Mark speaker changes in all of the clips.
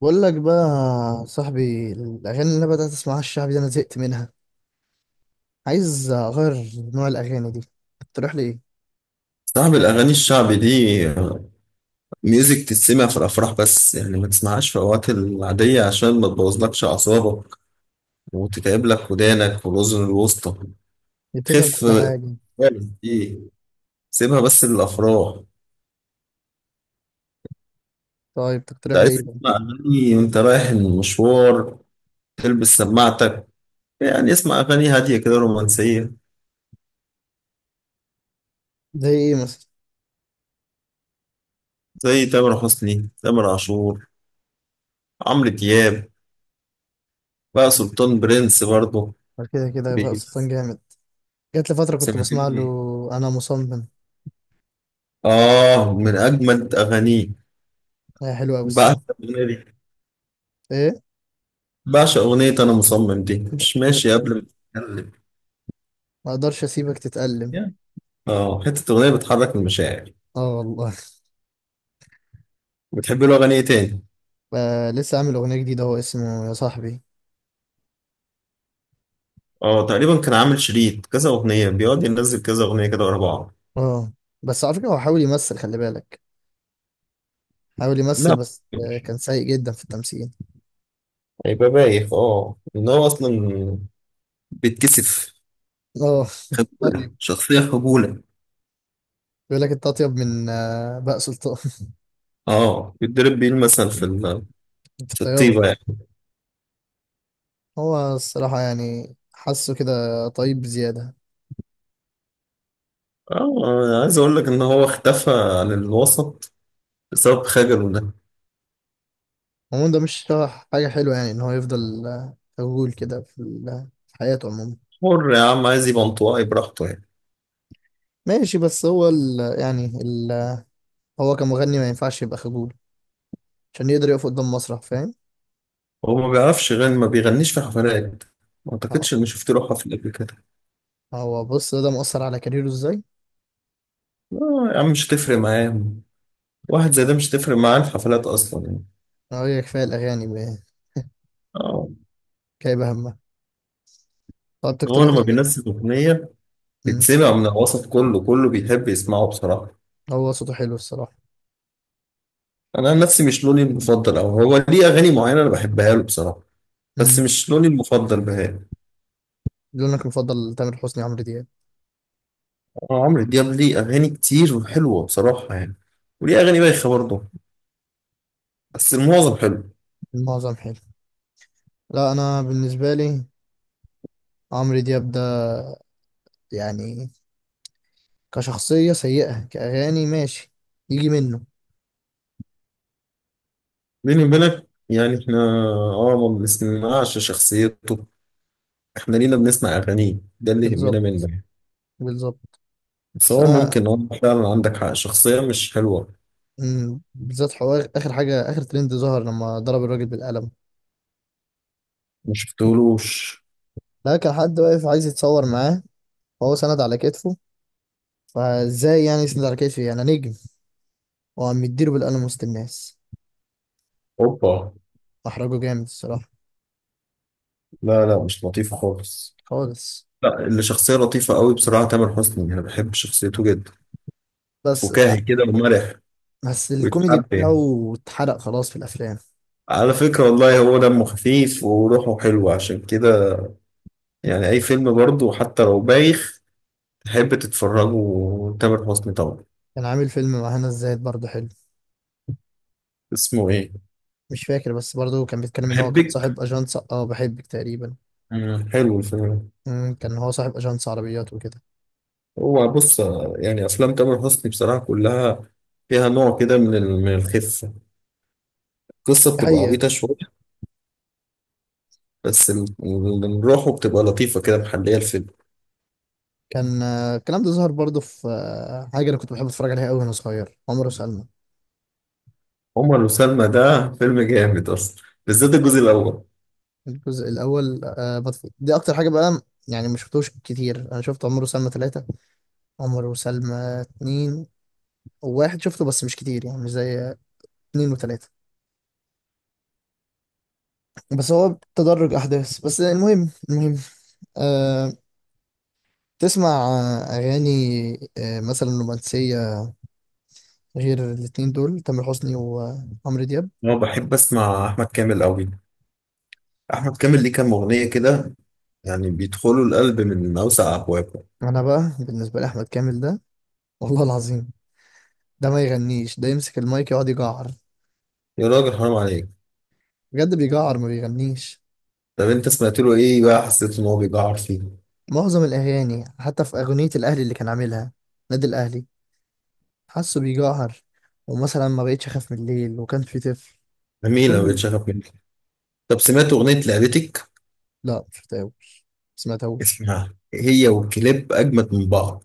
Speaker 1: بقول لك بقى يا صاحبي، الاغاني اللي انا بدات اسمعها الشعبي دي انا زهقت منها. عايز اغير نوع الاغاني دي. تقترح لي ايه؟
Speaker 2: صعب الأغاني الشعبي دي ميوزك، تسمع في الأفراح بس، يعني ما تسمعهاش في الأوقات العادية عشان ما تبوظلكش أعصابك وتتعب لك ودانك والأذن الوسطى.
Speaker 1: دي بتتعب
Speaker 2: خف
Speaker 1: كل حاجه.
Speaker 2: خالص دي، سيبها بس للأفراح.
Speaker 1: طيب تقترح
Speaker 2: ده
Speaker 1: لي
Speaker 2: عايز
Speaker 1: ايه بقى؟
Speaker 2: تسمع أغاني وأنت رايح المشوار تلبس سماعتك، يعني اسمع أغاني هادية كده رومانسية،
Speaker 1: زي ايه مثلا؟
Speaker 2: زي تامر حسني، تامر عاشور، عمرو دياب، بقى سلطان برنس برضه.
Speaker 1: بعد كده كده يبقى
Speaker 2: بي-
Speaker 1: سلطان جامد. جات لي فتره كنت بسمع له.
Speaker 2: سمعتني؟
Speaker 1: انا مصمم.
Speaker 2: آه، من أجمد أغانيه.
Speaker 1: هي حلوه قوي الصراحه.
Speaker 2: بعشق الأغنية دي،
Speaker 1: ايه؟
Speaker 2: بعشق أغنية أنا مصمم دي.
Speaker 1: جامد
Speaker 2: مش ماشي
Speaker 1: قوي.
Speaker 2: قبل ما تتكلم،
Speaker 1: ما اقدرش اسيبك تتألم.
Speaker 2: يعني آه، حتة أغنية بتحرك المشاعر.
Speaker 1: اه والله.
Speaker 2: بتحب له أغاني إيه تاني؟
Speaker 1: لسه عامل اغنيه جديده، هو اسمه يا صاحبي.
Speaker 2: آه، تقريبا كان عامل شريط كذا أغنية، بيقعد ينزل كذا أغنية كده ورا بعض.
Speaker 1: اه. بس على فكره هو حاول يمثل، خلي بالك. حاول يمثل
Speaker 2: لا،
Speaker 1: بس كان سيء جدا في التمثيل.
Speaker 2: هيبقى بايخ. إن هو أصلا بيتكسف،
Speaker 1: اه.
Speaker 2: خجولة،
Speaker 1: طيب.
Speaker 2: شخصية خجولة.
Speaker 1: بيقول لك انت اطيب من بهاء سلطان.
Speaker 2: آه، بيتضرب بيه المثل
Speaker 1: في
Speaker 2: في
Speaker 1: الطيابه.
Speaker 2: الطيبة يعني.
Speaker 1: هو الصراحه يعني حاسه كده. طيب بزياده.
Speaker 2: آه، أنا عايز أقول لك إن هو اختفى عن الوسط بسبب خجله ده.
Speaker 1: عموما ده مش حاجه حلوه يعني ان هو يفضل خجول كده في حياته عموما.
Speaker 2: حر يا عم، عايز يبقى انطوائي براحته يعني.
Speaker 1: ماشي، بس هو ال يعني هو كمغني ما ينفعش يبقى خجول. عشان يقدر يقف قدام مسرح، فاهم؟
Speaker 2: هو ما بيعرفش يغني، ما بيغنيش في حفلات، ما
Speaker 1: اه،
Speaker 2: اعتقدش اني شفت له حفل قبل كده.
Speaker 1: هو بص ده مؤثر على كاريره ازاي؟
Speaker 2: لا يا عم، مش هتفرق معاه، واحد زي ده مش هتفرق معاه الحفلات اصلا يعني.
Speaker 1: اه، هي كفايه الاغاني،
Speaker 2: اه،
Speaker 1: كايبه همها. طب
Speaker 2: هو
Speaker 1: تقترح لي
Speaker 2: لما
Speaker 1: مين؟
Speaker 2: بينزل اغنيه
Speaker 1: مم.
Speaker 2: بتسمع من الوسط كله كله بيحب يسمعه بصراحه.
Speaker 1: هو صوته حلو الصراحه.
Speaker 2: انا عن نفسي مش لوني المفضل، او هو ليه اغاني معينه انا بحبها له بصراحه، بس
Speaker 1: مم.
Speaker 2: مش لوني المفضل بهاء.
Speaker 1: لونك المفضل تامر حسني، عمرو دياب.
Speaker 2: آه، عمرو دياب ليه اغاني كتير وحلوه بصراحه يعني، وليه اغاني بايخه برضه، بس المعظم حلو.
Speaker 1: معظم حلو. لا، انا بالنسبه لي عمرو دياب ده يعني كشخصيه سيئه، كاغاني ماشي يجي منه.
Speaker 2: بيني وبينك يعني، احنا اه ما بنسمعش شخصيته، احنا لينا بنسمع اغانيه، ده اللي يهمنا
Speaker 1: بالظبط،
Speaker 2: منه.
Speaker 1: بالظبط.
Speaker 2: بس
Speaker 1: بس
Speaker 2: هو
Speaker 1: انا.
Speaker 2: ممكن اه، فعلا عندك حق، شخصية مش حلوة.
Speaker 1: بالذات حوار اخر حاجه، اخر ترند ظهر لما ضرب الراجل بالقلم.
Speaker 2: ما شفتهولوش.
Speaker 1: لا، كان حد واقف عايز يتصور معاه. وهو سند على كتفه. فازاي يعني يسند على كتفي؟ يعني نجم. وعم يديله بالقلم وسط الناس.
Speaker 2: اوبا،
Speaker 1: محرجه جامد الصراحه.
Speaker 2: لا لا، مش لطيفة خالص.
Speaker 1: خالص.
Speaker 2: لا، اللي شخصية لطيفة قوي بصراحة تامر حسني، انا بحب شخصيته جدا.
Speaker 1: بس.
Speaker 2: فكاهي كده ومرح،
Speaker 1: بس الكوميدي
Speaker 2: ويتحب يعني.
Speaker 1: بتاعه اتحرق خلاص في الافلام.
Speaker 2: على فكرة والله، هو دمه خفيف وروحه حلوة عشان كده، يعني اي فيلم برضه حتى لو بايخ تحب تتفرجه، تامر حسني طبعا.
Speaker 1: كان عامل فيلم مع هنا الزاهد برضه حلو.
Speaker 2: اسمه ايه؟
Speaker 1: مش فاكر، بس برضه كان بيتكلم ان هو كان
Speaker 2: أحبك.
Speaker 1: صاحب اجنس بحبك تقريبا.
Speaker 2: مم، حلو الفيلم ده.
Speaker 1: كان هو صاحب اجنس عربيات وكده.
Speaker 2: هو بص، يعني افلام تامر حسني بصراحه كلها فيها نوع كده من الخفه. القصه
Speaker 1: دي
Speaker 2: بتبقى
Speaker 1: حقيقة.
Speaker 2: عبيطه شويه، بس روحه بتبقى لطيفه كده، محليه الفيلم.
Speaker 1: كان الكلام ده ظهر برضه في حاجة انا كنت بحب اتفرج عليها قوي وانا صغير، عمر وسلمى.
Speaker 2: عمر وسلمى ده فيلم جامد اصلا، بالذات الجزء الاول.
Speaker 1: الجزء الاول دي اكتر حاجة بقى. يعني ما شفتوش كتير، انا شفت عمر وسلمى ثلاثة، عمر وسلمى اتنين، وواحد شفته بس مش كتير، يعني مش زي اتنين وتلاتة. بس هو تدرج احداث، بس المهم. أه. تسمع أغاني، مثلا رومانسية، غير الاتنين دول تامر حسني وعمرو دياب.
Speaker 2: انا بحب اسمع احمد كامل قوي، احمد كامل ليه كام اغنيه كده يعني بيدخلوا القلب من اوسع ابوابه.
Speaker 1: انا بقى بالنسبه لي احمد كامل ده، والله العظيم، ده ما يغنيش، ده يمسك المايك يقعد يجعر.
Speaker 2: يا راجل حرام عليك!
Speaker 1: بجد بيجعر، ما بيغنيش.
Speaker 2: طب انت سمعت له ايه بقى حسيت ان هو بيجعر فيه؟
Speaker 1: معظم الاغاني، حتى في اغنيه الاهلي اللي كان عاملها، نادي الاهلي، حاسه بيجعر. ومثلا ما بقتش اخاف من الليل، وكان في طفل.
Speaker 2: جميله، بقيت
Speaker 1: كل.
Speaker 2: شغف منك. طب سمعت اغنيه لعبتك؟
Speaker 1: لا، مش شفتهوش، سمعتهوش.
Speaker 2: اسمها هي، وكليب اجمد من بعض.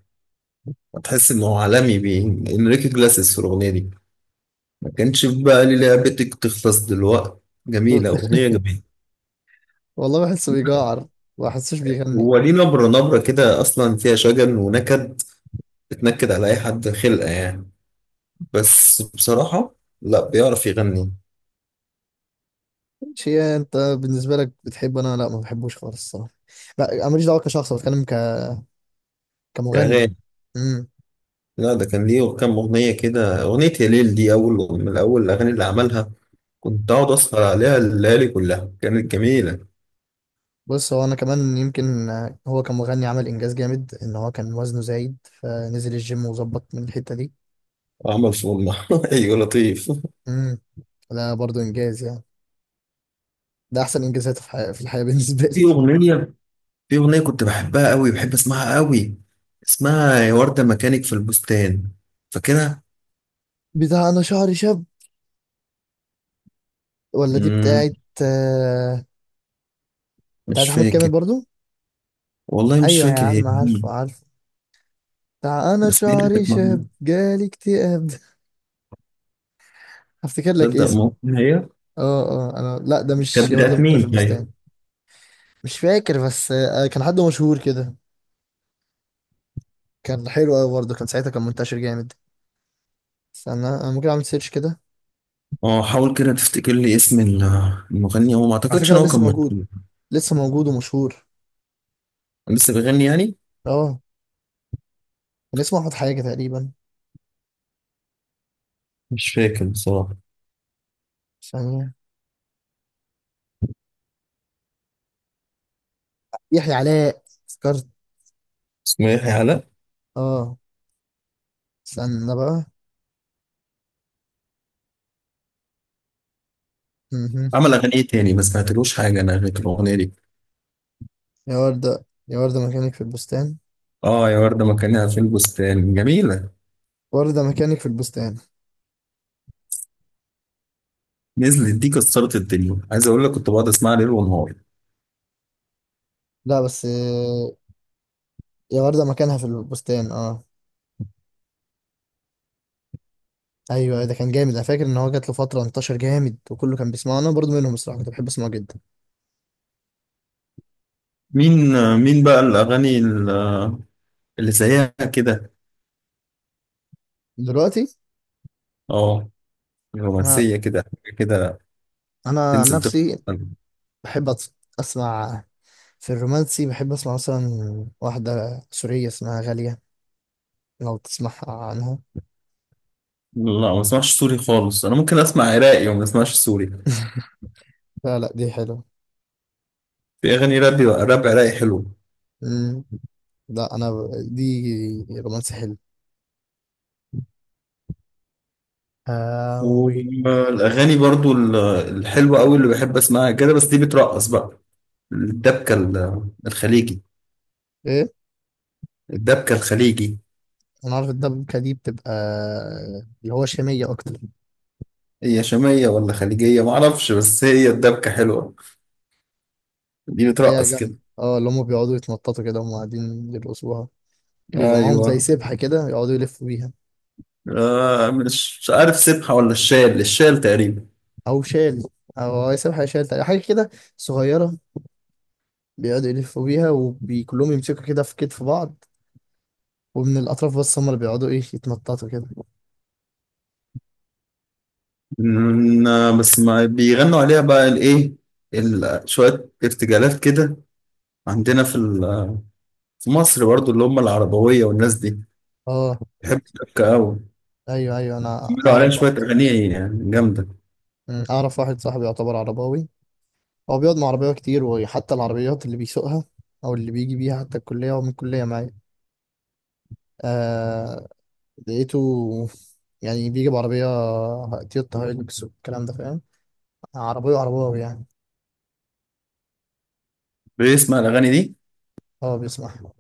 Speaker 2: هتحس انه عالمي بين انريكي جلاسس في الاغنيه دي. ما كانش في بقى لي، لعبتك تخلص دلوقتي. جميله اغنيه جميله.
Speaker 1: والله بحسه بيجعر، ما بحسوش بيغني.
Speaker 2: هو ليه نبرة، نبرة كده أصلا فيها شجن ونكد، بتنكد على أي حد خلقة يعني. بس بصراحة لا، بيعرف يغني.
Speaker 1: شيء انت بالنسبه لك بتحبه، انا لا ما بحبوش خالص الصراحه. لا، أنا ماليش دعوه، كشخص بتكلم كمغني.
Speaker 2: أغاني؟
Speaker 1: امم
Speaker 2: لا ده كان ليه كام أغنية كده، أغنية يا ليل دي أول من أول الأغاني اللي عملها، كنت أقعد أسهر عليها الليالي كلها، كانت جميلة.
Speaker 1: بص هو انا كمان يمكن هو كمغني عمل انجاز جامد، ان هو كان وزنه زايد، فنزل الجيم وظبط من الحتة دي.
Speaker 2: وعمل فورمة أيوة لطيف.
Speaker 1: امم ده برضو انجاز يعني. ده احسن انجازات في الحياة بالنسبة
Speaker 2: في
Speaker 1: لي.
Speaker 2: أغنية، في أغنية كنت بحبها قوي، بحب أسمعها قوي، اسمها يا وردة مكانك في البستان، فاكرها؟
Speaker 1: بتاع انا شعري شاب، ولا دي
Speaker 2: مم،
Speaker 1: بتاعت؟ آه، بتاعت
Speaker 2: مش
Speaker 1: احمد
Speaker 2: فاكر.
Speaker 1: كامل برضو.
Speaker 2: والله مش
Speaker 1: ايوه يا
Speaker 2: فاكر هي
Speaker 1: عم، عارفه،
Speaker 2: مين.
Speaker 1: عارفه. بتاع انا
Speaker 2: بس هي اللي
Speaker 1: شعري
Speaker 2: كانت
Speaker 1: شاب
Speaker 2: معمولة.
Speaker 1: جالي اكتئاب. هفتكر لك
Speaker 2: تصدق
Speaker 1: اسم.
Speaker 2: ممكن هي.
Speaker 1: اه. اه، انا لا، ده مش
Speaker 2: كانت
Speaker 1: يا وردة
Speaker 2: بتاعت
Speaker 1: مكنة في
Speaker 2: مين؟ أيوه،
Speaker 1: البستان. مش فاكر، بس كان حد مشهور كده. كان حلو قوي برضه، كان ساعتها كان منتشر جامد. استنى، انا ممكن اعمل سيرش كده.
Speaker 2: اه حاول كده تفتكر لي اسم المغني. هو ما
Speaker 1: على
Speaker 2: أعتقدش
Speaker 1: فكره هو
Speaker 2: إن هو كان
Speaker 1: لسه موجود،
Speaker 2: مكتوب.
Speaker 1: لسه موجود ومشهور.
Speaker 2: لسه بيغني يعني؟
Speaker 1: اه. كان اسمه احمد حاجه تقريبا.
Speaker 2: مش فاكر بصراحة.
Speaker 1: ثانيه. يحيى علاء. افتكرت.
Speaker 2: اسمه يحيى علاء.
Speaker 1: اه. استنى بقى. مهم.
Speaker 2: عمل أغنية تاني ما سمعتلوش حاجة أنا غير الأغنية دي.
Speaker 1: يا ورده، يا ورده مكانك في البستان.
Speaker 2: اه، يا وردة مكانها في البستان جميلة،
Speaker 1: ورده مكانك في البستان.
Speaker 2: نزلت دي كسرت الدنيا، عايز اقول لك كنت بقعد اسمعها ليل ونهار.
Speaker 1: لا بس يا ورده مكانها في البستان. اه. ايوه، ده كان جامد، انا فاكر ان هو جات له فتره انتشر جامد وكله كان بيسمعه، انا برضه منهم الصراحه، كنت بحب اسمعه جدا.
Speaker 2: مين؟ مين بقى الاغاني اللي زيها كده؟
Speaker 1: دلوقتي.
Speaker 2: اه،
Speaker 1: ما.
Speaker 2: رومانسيه كده، حاجة كده
Speaker 1: انا عن
Speaker 2: تنزل تخطف
Speaker 1: نفسي
Speaker 2: القلب.
Speaker 1: بحب اسمع. في الرومانسي بحب اسمع مثلا واحدة سورية اسمها غالية، لو تسمع عنها.
Speaker 2: لا، ما بسمعش سوري خالص، انا ممكن اسمع عراقي وما بسمعش سوري.
Speaker 1: لا، لا، دي حلوة.
Speaker 2: في اغاني راب، راب عراقي حلو.
Speaker 1: مم. لا، انا دي رومانسي حلو. هاوي.
Speaker 2: والاغاني برضو الحلوه قوي اللي بحب اسمعها كده، بس دي بترقص بقى، الدبكه الخليجي.
Speaker 1: ايه؟
Speaker 2: الدبكه الخليجي،
Speaker 1: انا عارف، الدبكة دي بتبقى اللي هو شامية اكتر.
Speaker 2: هي شاميه ولا خليجيه ما اعرفش، بس هي الدبكه حلوه، دي
Speaker 1: هي
Speaker 2: بترقص كده.
Speaker 1: جامدة، اللي هم بيقعدوا يتنططوا كده وهم قاعدين يرقصوها. بيبقى معاهم
Speaker 2: ايوه،
Speaker 1: زي سبحة كده، يقعدوا يلفوا بيها.
Speaker 2: آه مش، مش عارف سبحة ولا الشال، الشال تقريبا.
Speaker 1: او شال، او سبحة، شال حاجة كده، صغيرة. بيقعدوا يلفوا بيها وكلهم يمسكوا كده في كتف بعض، ومن الأطراف بس هم اللي بيقعدوا إيه يتنططوا كده.
Speaker 2: مم، آه، بس ما بيغنوا عليها بقى الايه، شوية ارتجالات كده. عندنا في مصر برضو، اللي هم العربوية والناس دي
Speaker 1: أه.
Speaker 2: بيحبوا الشبكة قوي،
Speaker 1: أيوه، أيوه، أنا
Speaker 2: بيعملوا عليها
Speaker 1: أعرف واحد.
Speaker 2: شوية أغاني يعني جامدة.
Speaker 1: أعرف واحد صاحبي يعتبر عرباوي. هو بيقعد مع عربية كتير، وحتى العربيات اللي بيسوقها أو اللي بيجي بيها حتى الكلية، ومن الكلية معايا. آه. لقيته. يعني بيجي بعربية، تويوتا هايلوكس والكلام ده، فاهم؟ عربية عرباوي يعني.
Speaker 2: بيسمع الأغاني دي.
Speaker 1: أه، بيسمع.